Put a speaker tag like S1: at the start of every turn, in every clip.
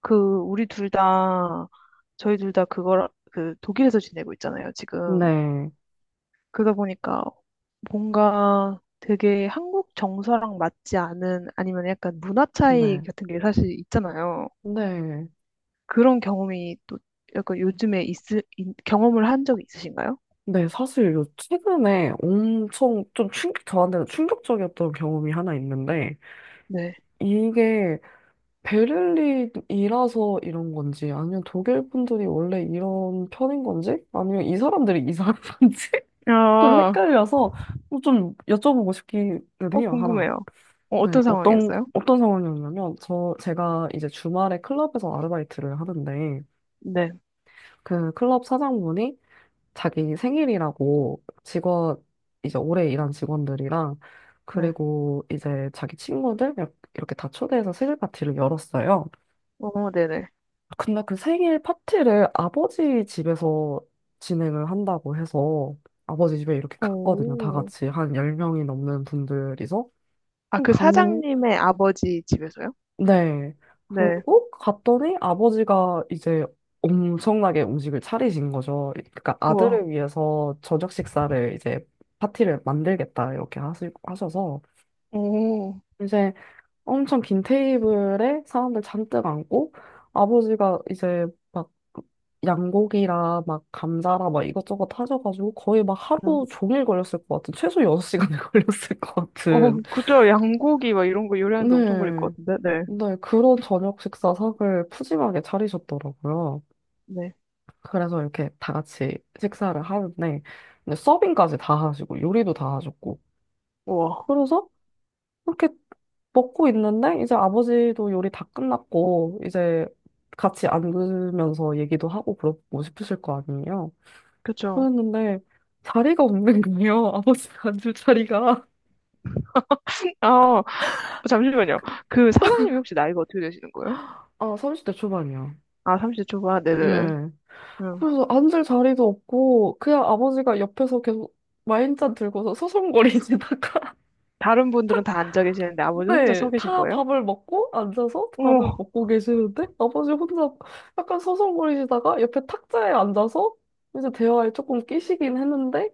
S1: 그 우리 둘 다, 저희 둘 다 그걸 그 독일에서 지내고 있잖아요, 지금.
S2: 네,
S1: 그러다 보니까 뭔가 되게 한국 정서랑 맞지 않은 아니면 약간 문화 차이
S2: 네,
S1: 같은 게 사실 있잖아요.
S2: 네.
S1: 그런 경험이 또 약간 요즘에 있, 있 경험을 한 적이 있으신가요?
S2: 네, 사실 요 최근에 엄청 좀 저한테는 충격적이었던 경험이 하나 있는데,
S1: 네.
S2: 이게 베를린이라서 이런 건지, 아니면 독일 분들이 원래 이런 편인 건지, 아니면 이 사람들이 이상한 건지, 좀
S1: 아,
S2: 헷갈려서 뭐 좀 여쭤보고 싶기는 해요, 하나.
S1: 궁금해요.
S2: 네,
S1: 어떤 상황이었어요?
S2: 어떤 상황이었냐면, 제가 이제 주말에 클럽에서 아르바이트를 하는데,
S1: 네.
S2: 그 클럽 사장분이 자기 생일이라고 이제 오래 일한 직원들이랑
S1: 네.
S2: 그리고 이제 자기 친구들 이렇- 게 다 초대해서 생일 파티를 열었어요.
S1: 어, 네네.
S2: 근데 그 생일 파티를 아버지 집에서 진행을 한다고 해서 아버지 집에 이렇게 갔거든요. 다
S1: 오.
S2: 같이 한 10명이 넘는 분들이서.
S1: 아, 그
S2: 갔는,
S1: 사장님의 아버지 집에서요?
S2: 네.
S1: 네.
S2: 그리고 갔더니 아버지가 이제 엄청나게 음식을 차리신 거죠. 그러니까
S1: 우와.
S2: 아들을 위해서 저녁 식사를 이제 파티를 만들겠다 이렇게 하셔서
S1: 오.
S2: 이제 엄청 긴 테이블에 사람들 잔뜩 앉고 아버지가 이제 막 양고기라 막 감자라 막 이것저것 하셔가지고 거의 막 하루
S1: 응.
S2: 종일 걸렸을 것 같은 최소 6시간이 걸렸을 것
S1: 어,
S2: 같은
S1: 그죠. 양고기 막 이런 거 요리하는데 엄청 걸릴
S2: 네.
S1: 것 같은데. 네.
S2: 네, 그런 저녁 식사상을 푸짐하게 차리셨더라고요.
S1: 네.
S2: 그래서 이렇게 다 같이 식사를 하는데, 근데 서빙까지 다 하시고, 요리도 다 하셨고.
S1: 우와.
S2: 그래서 이렇게 먹고 있는데, 이제 아버지도 요리 다 끝났고, 이제 같이 앉으면서 얘기도 하고 그러고 싶으실 거 아니에요.
S1: 그쵸.
S2: 그랬는데, 자리가 없는 거예요. 아버지가 앉을 자리가.
S1: 아, 잠시만요.
S2: 그-
S1: 그 사장님이 혹시 나이가 어떻게 되시는 거예요?
S2: 아, 30대 초반이요.
S1: 아, 30대 초반. 네네.
S2: 네.
S1: 음.
S2: 그래서 앉을 자리도 없고 그냥 아버지가 옆에서 계속 와인잔 들고서 서성거리시다가
S1: 다른 분들은
S2: 탁,
S1: 다 앉아 계시는데 아버지 혼자
S2: 네,
S1: 서 계신
S2: 다
S1: 거예요?
S2: 밥을 먹고 앉아서 밥을
S1: 어머,
S2: 먹고 계시는데 아버지 혼자 약간 서성거리시다가 옆에 탁자에 앉아서 이제 대화에 조금 끼시긴 했는데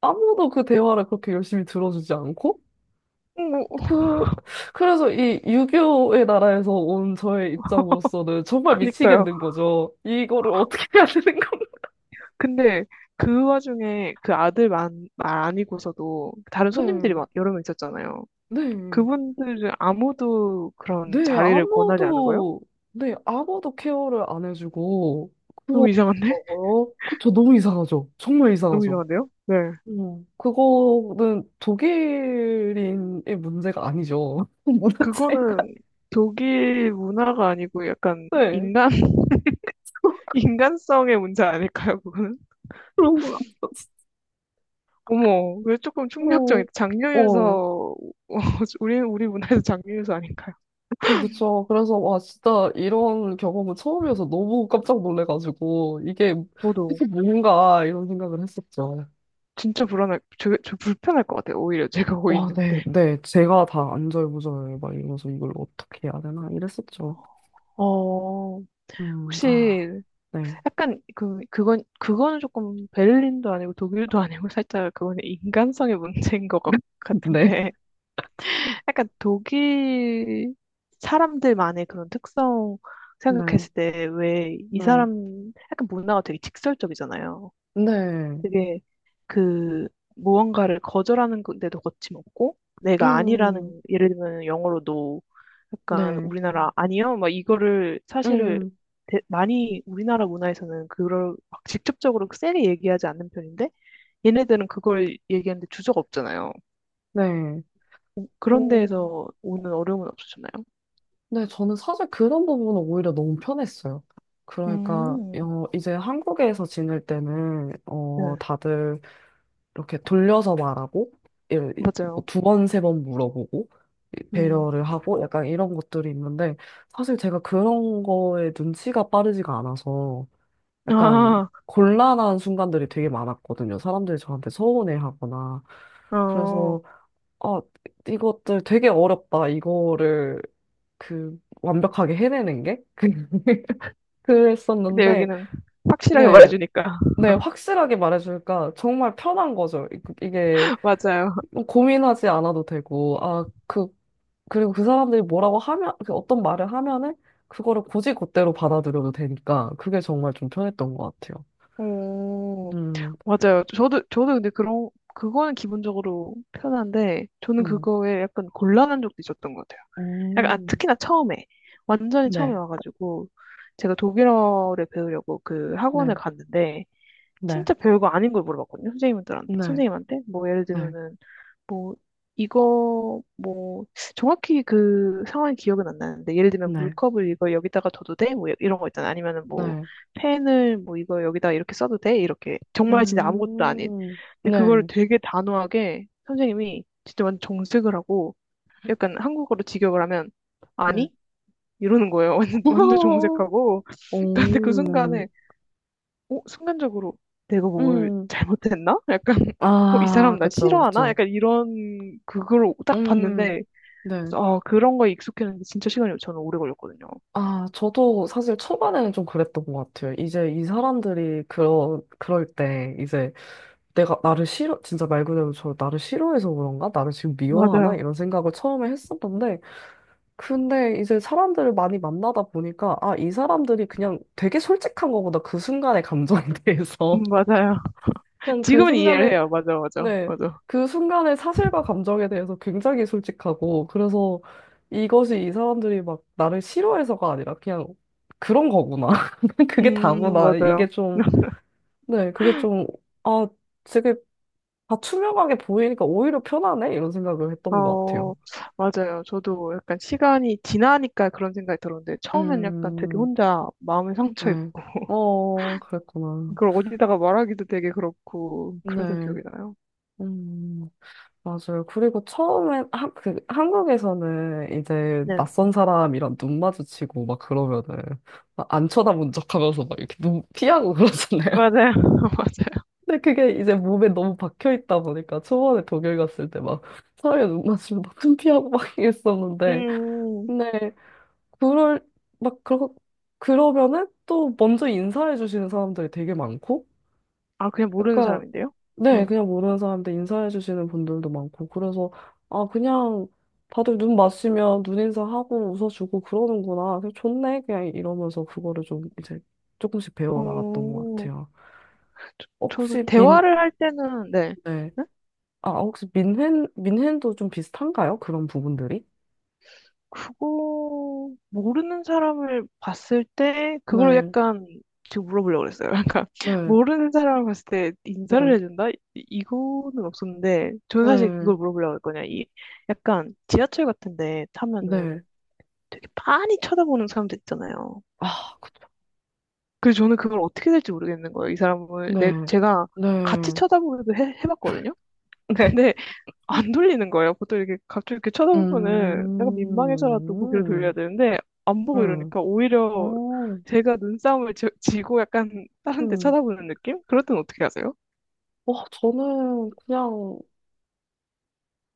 S2: 아무도 그 대화를 그렇게 열심히 들어주지 않고
S1: 어머,
S2: 그 그래서 이 유교의 나라에서 온 저의 입장으로서는 정말
S1: 그니까요.
S2: 미치겠는 거죠. 이거를 어떻게 해야 되는 건가?
S1: 근데 그 와중에 그 아들 만, 말 아니고서도 다른 손님들이
S2: 네,
S1: 막 여러 명 있었잖아요.
S2: 네.
S1: 그분들은 아무도 그런
S2: 네,
S1: 자리를 권하지 않은 거예요?
S2: 네, 아무도 케어를 안 해주고, 그거,
S1: 너무 이상한데?
S2: 어, 그쵸, 너무 이상하죠. 정말
S1: 너무
S2: 이상하죠.
S1: 이상한데요? 네.
S2: 그거는 독일인의 문제가 아니죠. 문화 차이가.
S1: 그거는 독일 문화가 아니고 약간
S2: 네,
S1: 인간, 인간성의 문제 아닐까요, 그거는?
S2: 그런 것
S1: 어머, 왜 조금
S2: 같아요.
S1: 충격적인,
S2: 어, 어,
S1: 장류유서, 우리, 우리 문화에서 장류유서 아닌가요?
S2: 그쵸, 그쵸. 그래서, 와, 진짜 이런 경험은 처음이어서 너무 깜짝 놀래가지고, 이게,
S1: 저도
S2: 이게 뭔가, 이런 생각을 했었죠.
S1: 진짜 불안할, 저, 저 불편할 것 같아요, 오히려 제가 거기
S2: 와, 네,
S1: 있는데.
S2: 네. 제가 다 안절부절 막 이러면서 이걸 어떻게 해야 되나 이랬었죠.
S1: 어,
S2: 아,
S1: 혹시
S2: 네,
S1: 약간 그, 그건, 그거는 조금 베를린도 아니고 독일도 아니고 살짝 그거는 인간성의 문제인 것 같-
S2: 네,
S1: 같은데. 약간 독일 사람들만의 그런 특성
S2: 네,
S1: 생각했을 때 왜 이
S2: 네,
S1: 사람 약간 문화가 되게 직설적이잖아요.
S2: 네,
S1: 되게 그 무언가를 거절하는 데도 거침없고 내가
S2: 음,
S1: 아니라는 예를 들면 영어로도 약간
S2: 네,
S1: 우리나라 아니요 막 이거를 사실을
S2: 음,
S1: 대- 많이 우리나라 문화에서는 그걸 막 직접적으로 세게 얘기하지 않는 편인데 얘네들은 그걸 얘기하는데 주저가 없잖아요.
S2: 네.
S1: 오- 그런
S2: 오,
S1: 데에서 오는 어려움은 없으셨나요?
S2: 네, 저는 사실 그런 부분은 오히려 너무 편했어요. 그러니까,
S1: 음,
S2: 어, 이제 한국에서 지낼 때는,
S1: 네.
S2: 어, 다들 이렇게 돌려서 말하고
S1: 맞아요.
S2: 두 번, 세 번 물어보고 이-
S1: 음.
S2: 배려를 하고 약간 이런 것들이 있는데 사실 제가 그런 거에 눈치가 빠르지가 않아서 약간
S1: 아,
S2: 곤란한 순간들이 되게 많았거든요. 사람들이 저한테 서운해하거나
S1: 어.
S2: 그래서 아 이것들 되게 어렵다 이거를 그 완벽하게 해내는 게
S1: 근데
S2: 그랬었는데
S1: 여기는 확실하게
S2: 네.
S1: 말해주니까.
S2: 네, 확실하게 말해주니까 정말 편한 거죠. 이- 이게
S1: 맞아요.
S2: 뭐 고민하지 않아도 되고, 아, 그, 그리고 그 사람들이 뭐라고 하면, 그 어떤 말을 하면은, 그거를 곧이곧대로 받아들여도 되니까, 그게 정말 좀 편했던 것 같아요.
S1: 오,
S2: 음,
S1: 맞아요. 저도, 저도 근데 그런, 그거는 기본적으로 편한데, 저는
S2: 음,
S1: 그거에 약간 곤란한 적도 있었던 것 같아요. 약간, 아,
S2: 음,
S1: 특히나 처음에. 완전히 처음에
S2: 네,
S1: 와가지고, 제가 독일어를 배우려고 그 학원을
S2: 네,
S1: 갔는데,
S2: 네,
S1: 진짜 별거 아닌 걸 물어봤거든요. 선생님들한테,
S2: 네,
S1: 선생님한테. 뭐, 예를
S2: 네,
S1: 들면은, 뭐, 이거, 뭐, 정확히 그 상황이 기억은 안 나는데, 예를 들면
S2: 네,
S1: 물컵을 이거 여기다가 둬도 돼? 뭐, 이런 거 있잖아. 아니면은 뭐,
S2: 네,
S1: 펜을 뭐, 이거 여기다가 이렇게 써도 돼? 이렇게. 정말 진짜 아무것도 아닌.
S2: 음,
S1: 근데 그거를
S2: 네,
S1: 되게 단호하게 선생님이 진짜 완전 정색을 하고, 약간 한국어로 직역을 하면,
S2: 네.
S1: 아니? 이러는 거예요. 완전, 완전 정색하고.
S2: 오,
S1: 근데 그 순간에 순간적으로 내가 뭘
S2: 음,
S1: 잘못했나? 약간, 어, 이
S2: 아,
S1: 사람 나
S2: 그쵸,
S1: 싫어하나?
S2: 그쵸.
S1: 약간 이런, 그걸 딱
S2: 음,
S1: 봤는데,
S2: 네.
S1: 그래서, 아, 그런 거에 익숙했는데 진짜 시간이 저는 오래 걸렸거든요.
S2: 아, 저도 사실 초반에는 좀 그랬던 것 같아요. 이제 이 사람들이 그럴 때 이제 내가 나를 싫어, 진짜 말 그대로 저 나를 싫어해서 그런가? 나를 지금 미워하나?
S1: 맞아요.
S2: 이런 생각을 처음에 했었는데, 근데 이제 사람들을 많이 만나다 보니까, 아, 이 사람들이 그냥 되게 솔직한 거구나. 그 순간의 감정에 대해서.
S1: 맞아요.
S2: 그냥 그
S1: 지금은 이해를
S2: 순간에
S1: 해요. 맞아, 맞아,
S2: 네.
S1: 맞아.
S2: 그 순간의 사실과 감정에 대해서 굉장히 솔직하고, 그래서 이것이 이 사람들이 막 나를 싫어해서가 아니라 그냥 그런 거구나. 그게 다구나. 이게
S1: 맞아요.
S2: 좀, 네, 그게 좀, 아, 되게 다 투명하게 보이니까 오히려 편하네? 이런 생각을 했던 것 같아요.
S1: 어, 맞아요. 저도 약간 시간이 지나니까 그런 생각이 들었는데, 처음엔 약간 되게
S2: 음,
S1: 혼자 마음에 상처
S2: 네.
S1: 입고,
S2: 어, 그랬구나.
S1: 그걸 어디다가 말하기도 되게 그렇고, 그래서
S2: 네.
S1: 기억이 나요.
S2: 음. 맞아요. 그리고 처음에 한 그, 한국에서는 이제
S1: 네.
S2: 낯선 사람이랑 눈 마주치고 막 그러면은 막안 쳐다본 척하면서 막 이렇게 눈 피하고 그러잖아요.
S1: 맞아요. 맞아요.
S2: 근데 그게 이제 몸에 너무 박혀 있다 보니까 초반에 독일 갔을 때 막 사람이 눈 마주치면 막눈 피하고 막 이랬었는데
S1: 음.
S2: 근데 그럴 막 그러 그러면은 또 먼저 인사해 주시는 사람들이 되게 많고
S1: 아, 그냥 모르는
S2: 약간,
S1: 사람인데요?
S2: 네,
S1: 응.
S2: 그냥 모르는 사람들 인사해주시는 분들도 많고, 그래서, 아, 그냥 다들 눈 마주치면 눈 인사하고 웃어주고 그러는구나. 그냥 좋네. 그냥 이러면서 그거를 좀 이제 조금씩 배워 나갔던 것
S1: 어,
S2: 같아요.
S1: 저, 도
S2: 혹시 민,
S1: 대화를 할 때는, 네.
S2: 네.
S1: 응?
S2: 아, 아, 혹시 민hen, 민헨도 좀 비슷한가요? 그런 부분들이?
S1: 그거, 모르는 사람을 봤을 때, 그걸
S2: 네,
S1: 약간, 지금 물어보려고 그랬어요. 약간,
S2: 네,
S1: 모르는 사람을 봤을 때 인사를
S2: 네,
S1: 해준다? 이- 이거는 없었는데, 저는 사실
S2: 네,
S1: 그걸 물어보려고 했거든요. 이, 약간, 지하철 같은데 타면은
S2: 네.
S1: 되게 빤히 쳐다보는 사람들 있잖아요.
S2: 아, 그쵸.
S1: 그래서 저는 그걸 어떻게 될지 모르겠는 거예요. 이 사람을, 내,
S2: 네,
S1: 제가 같이
S2: 네,
S1: 쳐다보기도 해, 해봤거든요?
S2: 네.
S1: 근데, 안 돌리는 거예요. 보통 이렇게 갑자기 이렇게 쳐다보면은 내가 민망해서라도 고개를 돌려야
S2: 음,
S1: 되는데 안 보고
S2: 음,
S1: 이러니까 오히려
S2: 어,
S1: 제가 눈싸움을 지, 지고 약간 다른 데
S2: 음.
S1: 쳐다보는 느낌? 그럴 땐 어떻게 하세요?
S2: 와, 저는 그냥,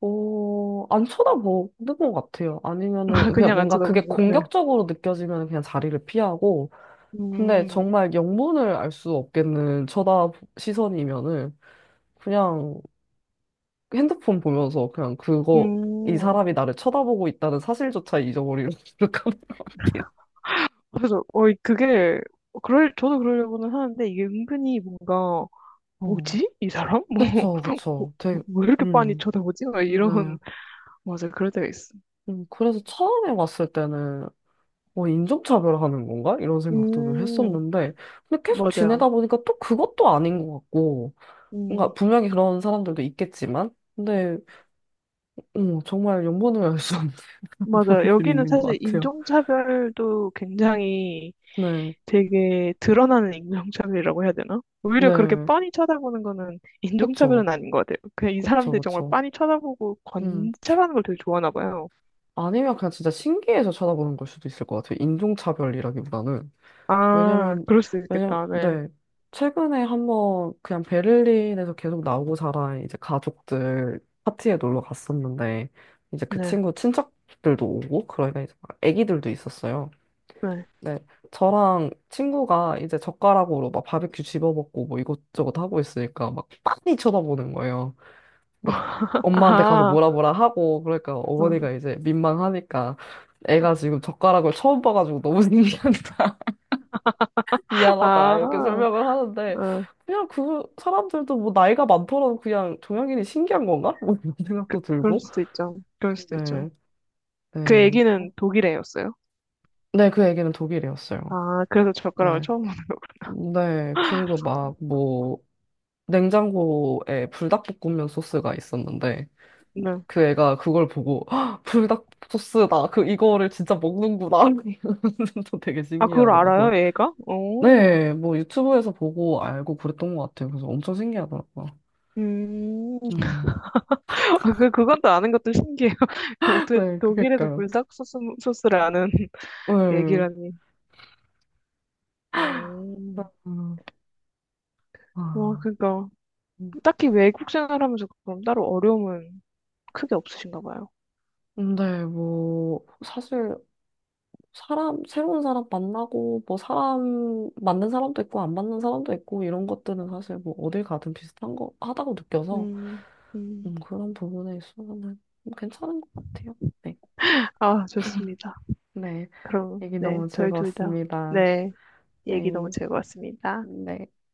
S2: 어, 안 쳐다보는 것 같아요. 아니면은,
S1: 아,
S2: 그냥
S1: 그냥 안
S2: 뭔가 그게
S1: 쳐다보는 거. 네.
S2: 공격적으로 느껴지면 그냥 자리를 피하고, 근데
S1: 음.
S2: 정말 영문을 알 수 없겠는 쳐다 시선이면은, 그냥 핸드폰 보면서 그냥 그거, 이
S1: 음.
S2: 사람이 나를 쳐다보고 있다는 사실조차 잊어버리는 그 하는 것 같아요.
S1: 그래서 이- 그게 그럴 저도 그러려고는 하는데 이게 은근히 뭔가
S2: 어,
S1: 뭐지? 이 사람?
S2: 그쵸,
S1: 뭐,
S2: 그쵸.
S1: 뭐,
S2: 되게,
S1: 왜 이렇게 빤히
S2: 음,
S1: 쳐다보지? 막
S2: 네.
S1: 이런 맞아 그럴 때가 있어.
S2: 그래서 처음에 왔을 때는 뭐 인종차별하는 건가? 이런 생각들을
S1: 음.
S2: 했었는데, 근데 계속
S1: 맞아요.
S2: 지내다 보니까 또 그것도 아닌 것 같고, 뭔가
S1: 음.
S2: 분명히 그런 사람들도 있겠지만, 근데 어, 정말 연분을 알 수 없는 그런
S1: 맞아요.
S2: 분들이
S1: 여기는
S2: 있는 것
S1: 사실
S2: 같아요.
S1: 인종차별도 굉장히
S2: 네,
S1: 되게 드러나는 인종차별이라고 해야 되나? 오히려 그렇게
S2: 네,
S1: 뻔히 쳐다보는 거는 인종차별은
S2: 그쵸,
S1: 아닌 것 같아요. 그냥 이 사람들이 정말
S2: 그쵸.
S1: 빤히 쳐다보고
S2: 음,
S1: 관찰하는 걸 되게 좋아하나 봐요.
S2: 아니면 그냥 진짜 신기해서 쳐다보는 걸 수도 있을 것 같아요. 인종차별이라기보다는.
S1: 아,
S2: 왜냐면,
S1: 그럴 수도 있겠다. 네.
S2: 네. 최근에 한번 그냥 베를린에서 계속 나오고 자란 이제 가족들 파티에 놀러 갔었는데, 이제 그
S1: 네.
S2: 친구 친척들도 오고, 그러니까 이제 막 애기들도 있었어요.
S1: 네.
S2: 네. 저랑 친구가 이제 젓가락으로 막 바베큐 집어먹고 뭐 이것저것 하고 있으니까 막 빤히 쳐다보는 거예요. 막 엄마한테 가서
S1: 아,
S2: 뭐라 뭐라 하고, 그러니까
S1: 음.
S2: 어머니가 이제 민망하니까 애가 지금 젓가락을 처음 봐가지고 너무 신기하다. 미안하다
S1: 아,
S2: 이렇게
S1: 어,
S2: 설명을 하는데 그냥 그 사람들도 뭐 나이가 많더라도 그냥 종양인이 신기한 건가? 뭐 이런 생각도
S1: 그럴
S2: 들고
S1: 수도 있죠. 그럴 수도
S2: 네,
S1: 있죠. 그
S2: 네,
S1: 애기는
S2: 그-
S1: 독일 애였어요.
S2: 네, 그 얘기는 독일이었어요.
S1: 아, 그래서 젓가락을
S2: 네,
S1: 처음 보는
S2: 네, 그리고 막 뭐 냉장고에 불닭볶음면 소스가 있었는데
S1: 거구나. 네.
S2: 그 애가 그걸 보고 "헉, 불닭 소스다 그 이거를 진짜 먹는구나 또 되게
S1: 아, 그걸
S2: 신기하고 막 그거
S1: 알아요, 애가? 오.
S2: 네 뭐 유튜브에서 보고 알고 그랬던 것 같아요 그래서 엄청 신기하더라고요
S1: 음,
S2: 음.
S1: 아, 그, 그건 또 아는 것도 신기해요. 어떻게
S2: 네,
S1: 독일에도
S2: 그니까요.
S1: 불닭 소스, 소스를 아는
S2: 네.
S1: 얘기라니. 오,
S2: 음,
S1: 와,
S2: 아.
S1: 그러니까.
S2: 음,
S1: 딱히 외국 생활하면서 그럼 따로 어려움은 크게 없으신가 봐요.
S2: 근데 뭐, 사실, 새로운 사람 만나고, 뭐, 맞는 사람도 있고, 안 맞는 사람도 있고, 이런 것들은 사실 뭐, 어딜 가든 비슷한 거, 하다고 느껴서,
S1: 음, 음.
S2: 그런 부분에 있어서는 뭐 괜찮은 것 같아요. 네.
S1: 아, 좋습니다.
S2: 네.
S1: 그럼,
S2: 얘기
S1: 네,
S2: 너무
S1: 저희 둘 다,
S2: 즐거웠습니다.
S1: 네, 얘기 너무
S2: 네.
S1: 즐거웠습니다.
S2: 네.